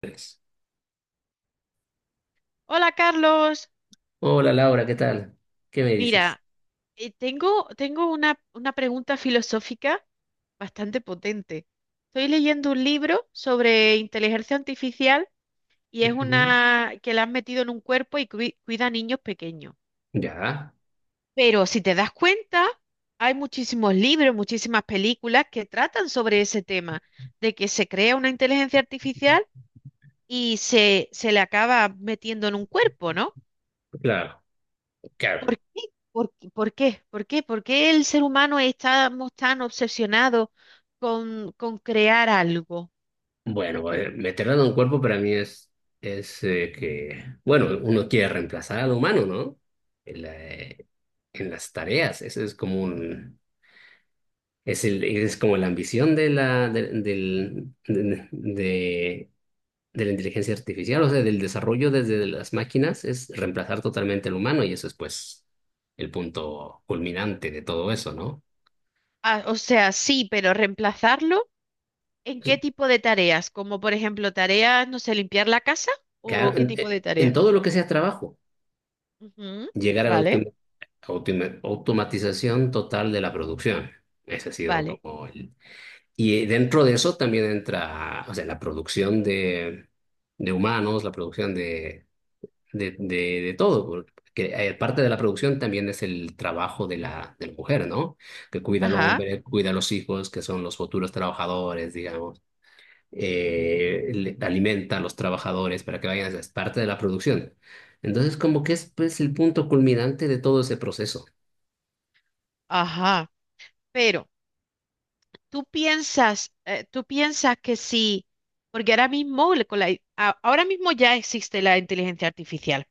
Tres. Hola Carlos, Hola Laura, ¿qué tal? ¿Qué me dices? mira, tengo una pregunta filosófica bastante potente. Estoy leyendo un libro sobre inteligencia artificial y es Ujú. una que la han metido en un cuerpo y cuida a niños pequeños. Ya, Pero si te das cuenta, hay muchísimos libros, muchísimas películas que tratan sobre ese tema, de que se crea una inteligencia artificial y se le acaba metiendo en un cuerpo, ¿no? claro, claro. ¿Por qué? ¿Por qué el ser humano estamos tan obsesionados con crear algo? Bueno, veterano en cuerpo para mí es que, bueno, uno quiere reemplazar al humano, ¿no? En, la- eh, en las tareas, eso es como un, es el, es como la ambición de la, de, del- de la inteligencia artificial, o sea, del desarrollo desde las máquinas, es reemplazar totalmente al humano y eso es pues el punto culminante de todo eso, ¿no? Ah, o sea, sí, pero reemplazarlo ¿en qué tipo de tareas? Como por ejemplo tareas, no sé, limpiar la casa o Claro, qué en, tipo eh, de en- tarea. todo lo que sea trabajo, Ujú. llegar a la Vale, automatización total de la producción. Ese ha sido vale. como el... Y dentro de eso también entra, o sea, la producción de humanos, la producción de, de, de todo, porque parte de la producción también es el trabajo de de la mujer, ¿no? Que cuida al Ajá, hombre, cuida a los hijos, que son los futuros trabajadores, digamos, alimenta a los trabajadores para que vayan, es parte de la producción. Entonces, como que es pues el punto culminante de todo ese proceso. ajá. Pero tú piensas que sí, porque ahora mismo, con la, ahora mismo ya existe la inteligencia artificial.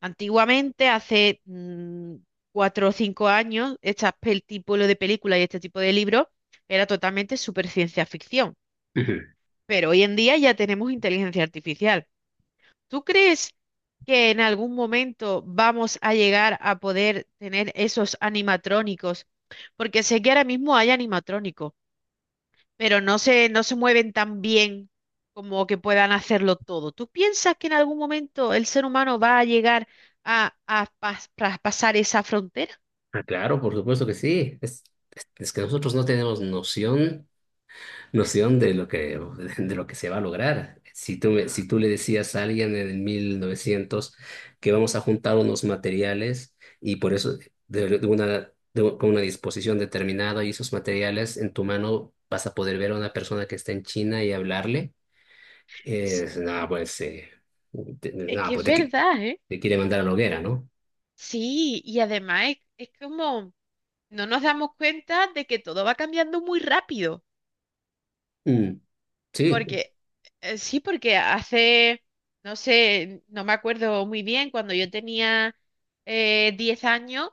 Antiguamente, hace cuatro o cinco años, este tipo de películas y este tipo de libros era totalmente super ciencia ficción. Ujú. Pero hoy en día ya tenemos inteligencia artificial. ¿Tú crees que en algún momento vamos a llegar a poder tener esos animatrónicos? Porque sé que ahora mismo hay animatrónicos pero no se mueven tan bien como que puedan hacerlo todo. ¿Tú piensas que en algún momento el ser humano va a llegar a, pasar esa frontera? Ah, claro, por supuesto que sí. Es que nosotros no tenemos noción de lo que, de lo que se va a lograr. Si tú le decías a alguien en el 1900 que vamos a juntar unos materiales y por eso de una, de un- con una disposición determinada y esos materiales en tu mano vas a poder ver a una persona que está en China y hablarle, nada, pues, te, Es nada, que pues es te, qui- verdad, ¿eh? te quiere mandar a la hoguera, ¿no? Sí, y además es como no nos damos cuenta de que todo va cambiando muy rápido. Mm, sí, Porque, sí, porque hace, no sé, no me acuerdo muy bien, cuando yo tenía 10 años,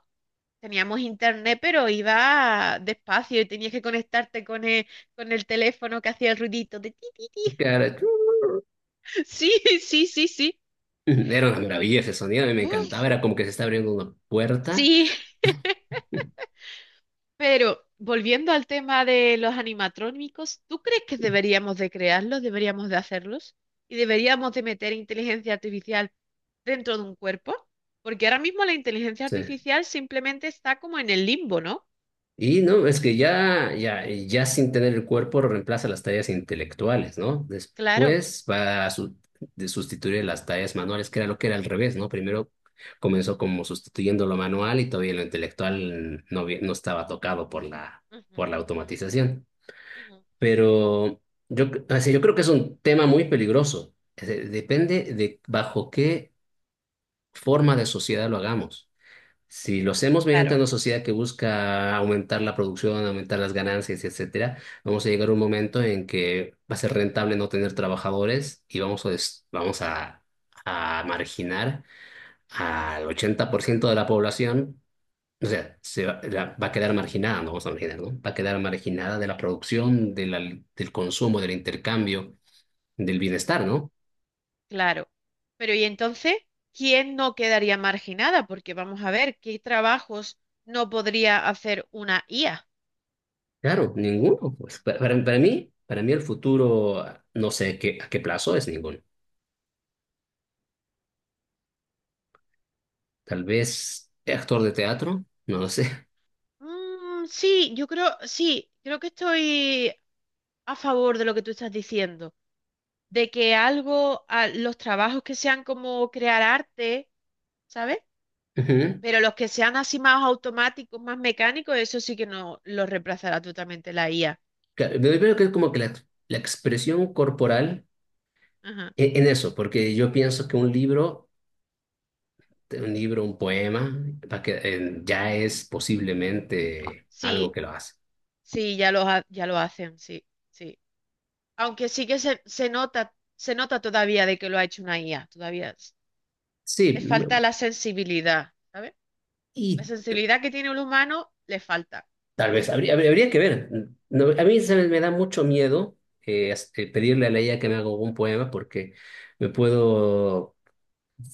teníamos internet, pero iba despacio y tenías que conectarte con el teléfono que hacía el ruidito de ti, ti, ti. claro, Sí, sí, sí, sí. era una maravilla ese sonido, a mí me encantaba, Uf, era como que se está abriendo una puerta. sí. Pero volviendo al tema de los animatrónicos, ¿tú crees que deberíamos de crearlos, deberíamos de hacerlos y deberíamos de meter inteligencia artificial dentro de un cuerpo? Porque ahora mismo la inteligencia Sí. artificial simplemente está como en el limbo, ¿no? Y no, es que ya sin tener el cuerpo reemplaza las tareas intelectuales, ¿no? Claro. Después va a su- de sustituir las tareas manuales, que era lo que era al revés, ¿no? Primero comenzó como sustituyendo lo manual y todavía lo intelectual no, no estaba tocado Ujú, por la ujú, automatización. ujú. Pero yo creo que es un tema muy peligroso. Depende de bajo qué forma de sociedad lo hagamos. Si lo hacemos mediante Claro, una sociedad que busca aumentar la producción, aumentar las ganancias, etcétera, vamos a llegar a un momento en que va a ser rentable no tener trabajadores y vamos a, des- vamos a marginar al 80% de la población. O sea, se va, va a quedar marginada, no vamos a marginar, ¿no? Va a quedar marginada de la producción, del consumo, del intercambio, del bienestar, ¿no? claro. Pero ¿y entonces quién no quedaría marginada? Porque vamos a ver, ¿qué trabajos no podría hacer una IA? Claro, ninguno. Pues, para mí el futuro, no sé qué, a qué plazo, es ninguno. Tal vez actor de teatro, no lo sé. Mm, sí, yo creo, sí, creo que estoy a favor de lo que tú estás diciendo, de que algo, los trabajos que sean como crear arte, ¿sabes? Ujú. Pero los que sean así más automáticos, más mecánicos, eso sí que no los reemplazará totalmente la IA. Claro, me veo que es como que la expresión corporal Ajá. Eso, porque yo pienso que un libro, un libro, un poema, va que, ya es posiblemente algo Sí, que lo hace. sí, ya lo hacen, sí, sí. Aunque sí que se nota todavía de que lo ha hecho una IA, todavía le Sí, falta mm, la sensibilidad, ¿sabes? y La sensibilidad que tiene un humano le falta. tal vez habría que ver. No, a mí me da mucho miedo pedirle a Leia que me haga un poema porque me puedo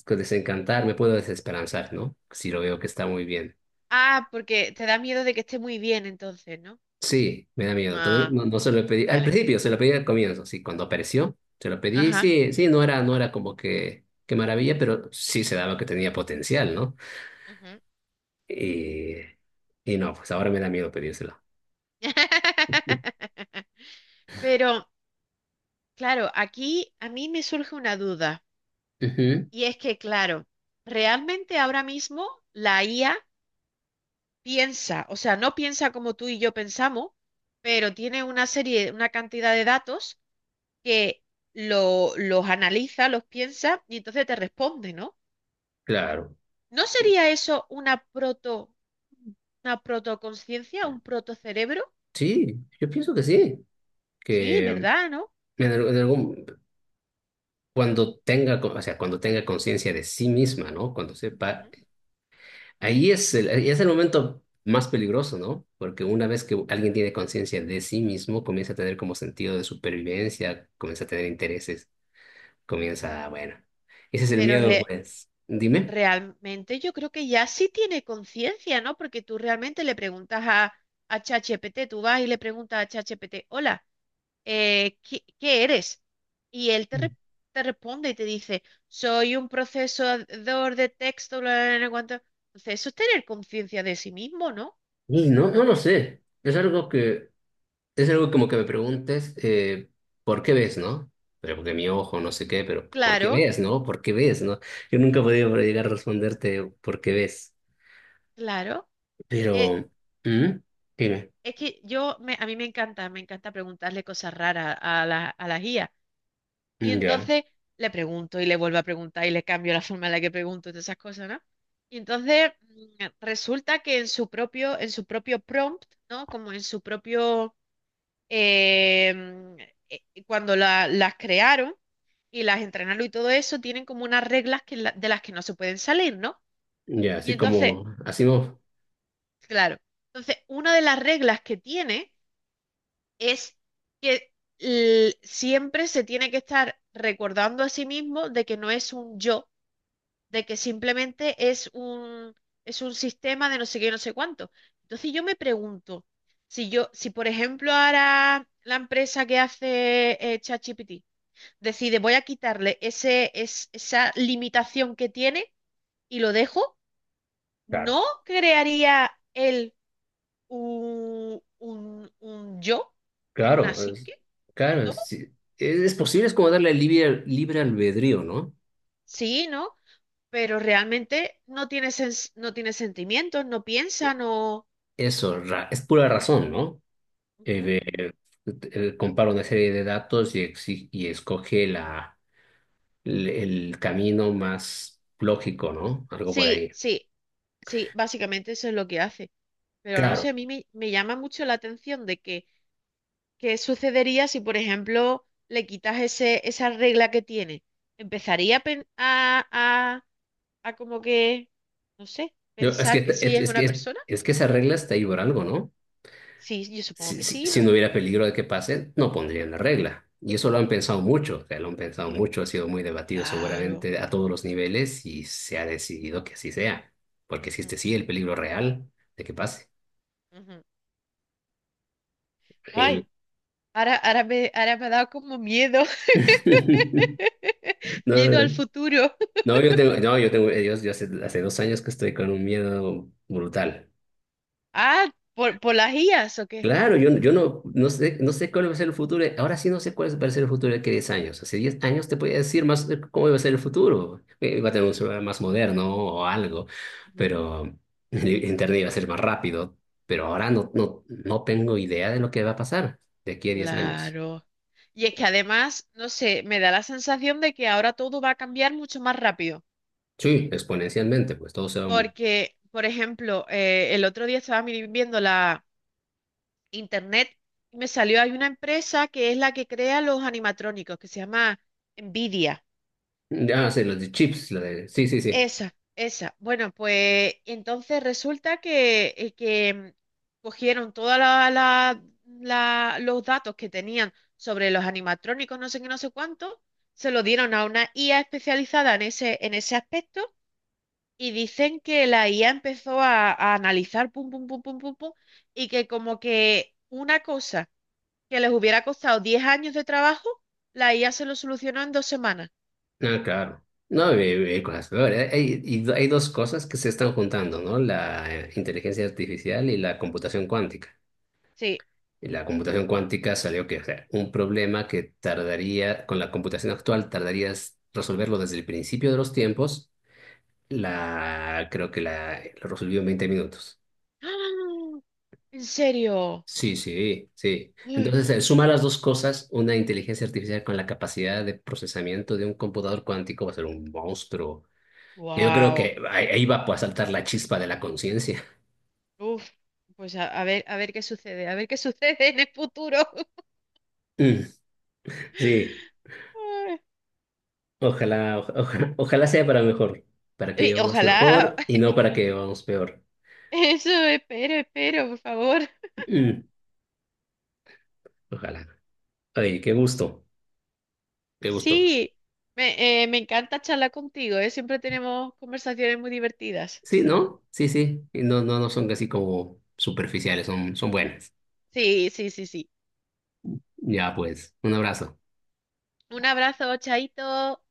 pues, desencantar, me puedo desesperanzar, ¿no? Si lo veo que está muy bien. Ah, porque te da miedo de que esté muy bien entonces, ¿no? Sí, me da miedo. Todavía Ah, no, no se lo pedí. Al vale. principio se lo pedí al comienzo, sí, cuando apareció, se lo pedí. Ajá. Sí, sí, no era, no era como que qué maravilla, pero sí se daba que tenía potencial, ¿no? Ujú. Y, y no, pues ahora me da miedo pedírselo. Pero, claro, aquí a mí me surge una duda. Ujú, Y es que, claro, realmente ahora mismo la IA piensa, o sea, no piensa como tú y yo pensamos, pero tiene una serie, una cantidad de datos que los analiza, los piensa y entonces te responde, ¿no? claro. ¿No Eh, sería eso una una protoconciencia, un protocerebro? Sí, yo pienso que sí, Sí, que ¿verdad? en, ¿No? al- en algún, cuando o sea, cuando tenga conciencia de sí misma, ¿no? Cuando sepa, Ujú. ahí es el, ahí es el momento más peligroso, ¿no? Porque una vez que alguien tiene conciencia de sí mismo, comienza a tener como sentido de supervivencia, comienza a tener intereses, comienza, bueno, ese es el Pero miedo, pues. Dime. realmente yo creo que ya sí tiene conciencia, ¿no? Porque tú realmente le preguntas a ChatGPT, tú vas y le preguntas a ChatGPT, hola, ¿qué, qué eres? Y él te, Mm. Te responde y te dice, soy un procesador de texto, bla, bla, bla, bla, cuánto". Entonces, eso es tener conciencia de sí mismo, ¿no? Y no, ¿O no no? lo sé. Es algo que, es algo como que me preguntes, ¿por qué ves, no? Pero porque mi ojo, no sé qué, pero ¿por qué Claro, ves, no? ¿Por qué ves, no? Yo nunca he podido llegar a responderte ¿por qué ves? claro. Pero, Eh, ¿mm? Dime. Es que yo, me, a mí me encanta preguntarle cosas raras a la IA. Y Mm, ya. entonces le pregunto y le vuelvo a preguntar y le cambio la forma en la que pregunto y todas esas cosas, ¿no? Y entonces resulta que en su propio prompt, ¿no? Como en su propio, eh, mm, cuando las crearon y las entrenaron y todo eso, tienen como unas reglas que de las que no se pueden salir, ¿no? Ya, Y así entonces, como, así no. claro, entonces una de las reglas que tiene es que siempre se tiene que estar recordando a sí mismo de que no es un yo, de que simplemente es un sistema de no sé qué, no sé cuánto. Entonces yo me pregunto, si yo, si por ejemplo ahora la empresa que hace ChatGPT decide voy a quitarle esa limitación que tiene y lo dejo, Claro. ¿no crearía él un yo, una Claro, es- psique? claro, ¿No? sí. Es posible, es como darle libre, libre albedrío, ¿no? Sí, ¿no? Pero realmente no tiene no tiene sentimientos, no piensa, no... Eso, es pura razón, ¿no? Ujú. Eh, eh, Compara una serie de datos y, y escoge la, el camino más lógico, ¿no? Algo por Sí, ahí. sí, sí, básicamente eso es lo que hace. Pero no Claro, sé, a mí me, me llama mucho la atención de que qué sucedería si, por ejemplo, le quitas esa regla que tiene. Empezaría a, a como que, no sé, pensar que sí es una persona. Que esa regla está ahí por algo, ¿no? Sí, yo supongo si, que si- sí, si- ¿no? no hubiera peligro de que pase, no pondrían la regla. Y eso lo han pensado mucho, o sea, lo han pensado Yo- mucho, ha sido muy debatido claro. seguramente a todos los niveles y se ha decidido que así sea, porque existe Ujú, sí el peligro real de que pase. ujú. Ay. Y- Ahora, ahora me ha dado como miedo, miedo al No, futuro. no, yo tengo, hace 2 años que estoy con un miedo brutal. Ah, ¿por las IAs o qué? Claro, yo no, no sé, no sé cuál va a ser el futuro. Ahora sí no sé cuál va a ser el futuro de aquí a 10 años. Hace 10 años te podía decir más de cómo va a ser el futuro. Va a tener un celular más moderno o algo, Ujú. pero el Internet iba a ser más rápido. Pero ahora no tengo idea de lo que va a pasar de aquí a 10 años. Claro. Y es que además, no sé, me da la sensación de que ahora todo va a cambiar mucho más rápido. Sí, exponencialmente, pues todo se va... un- Porque, por ejemplo, el otro día estaba viendo la internet y me salió, hay una empresa que es la que crea los animatrónicos, que se llama Nvidia. Ya, sí, los de chips, la de... Sí, sí, sí. Esa, esa. Bueno, pues entonces resulta que, cogieron todos los datos que tenían sobre los animatrónicos, no sé qué, no sé cuánto, se lo dieron a una IA especializada en ese aspecto y dicen que la IA empezó a analizar pum, pum, pum, pum, pum, pum, y que como que una cosa que les hubiera costado 10 años de trabajo, la IA se lo solucionó en 2 semanas. Ah, claro. No, cosas peores. Hay, y hay dos cosas que se están juntando, ¿no? La inteligencia artificial y la computación cuántica. Sí. Y la computación cuántica salió que, o sea, un problema que tardaría, con la computación actual, tardarías resolverlo desde el principio de los tiempos, la, creo que la, lo resolvió en 20 minutos. ¡Ah! ¿En serio? Sí, sí, sí. Uy. Entonces, suma las dos cosas, una inteligencia artificial con la capacidad de procesamiento de un computador cuántico va a ser un monstruo que yo creo Wow. que ahí va pues, a saltar la chispa de la conciencia. Uf, pues a ver qué sucede, a ver qué sucede en el futuro. Mm, sí, ojalá, ojalá sea para mejor, para que Ay, y vivamos ojalá. mejor y no para que vivamos peor. Eso, espero, espero, por favor. Mm. Ojalá. Ay, qué gusto, qué gusto. Sí, me, me encanta charlar contigo, ¿eh? Siempre tenemos conversaciones muy divertidas. Sí, ¿no? Sí, sí. Y no, no, no son casi como superficiales, son, son buenas. Sí, sí, sí, sí. Ya, pues, un abrazo. Un abrazo, chaito.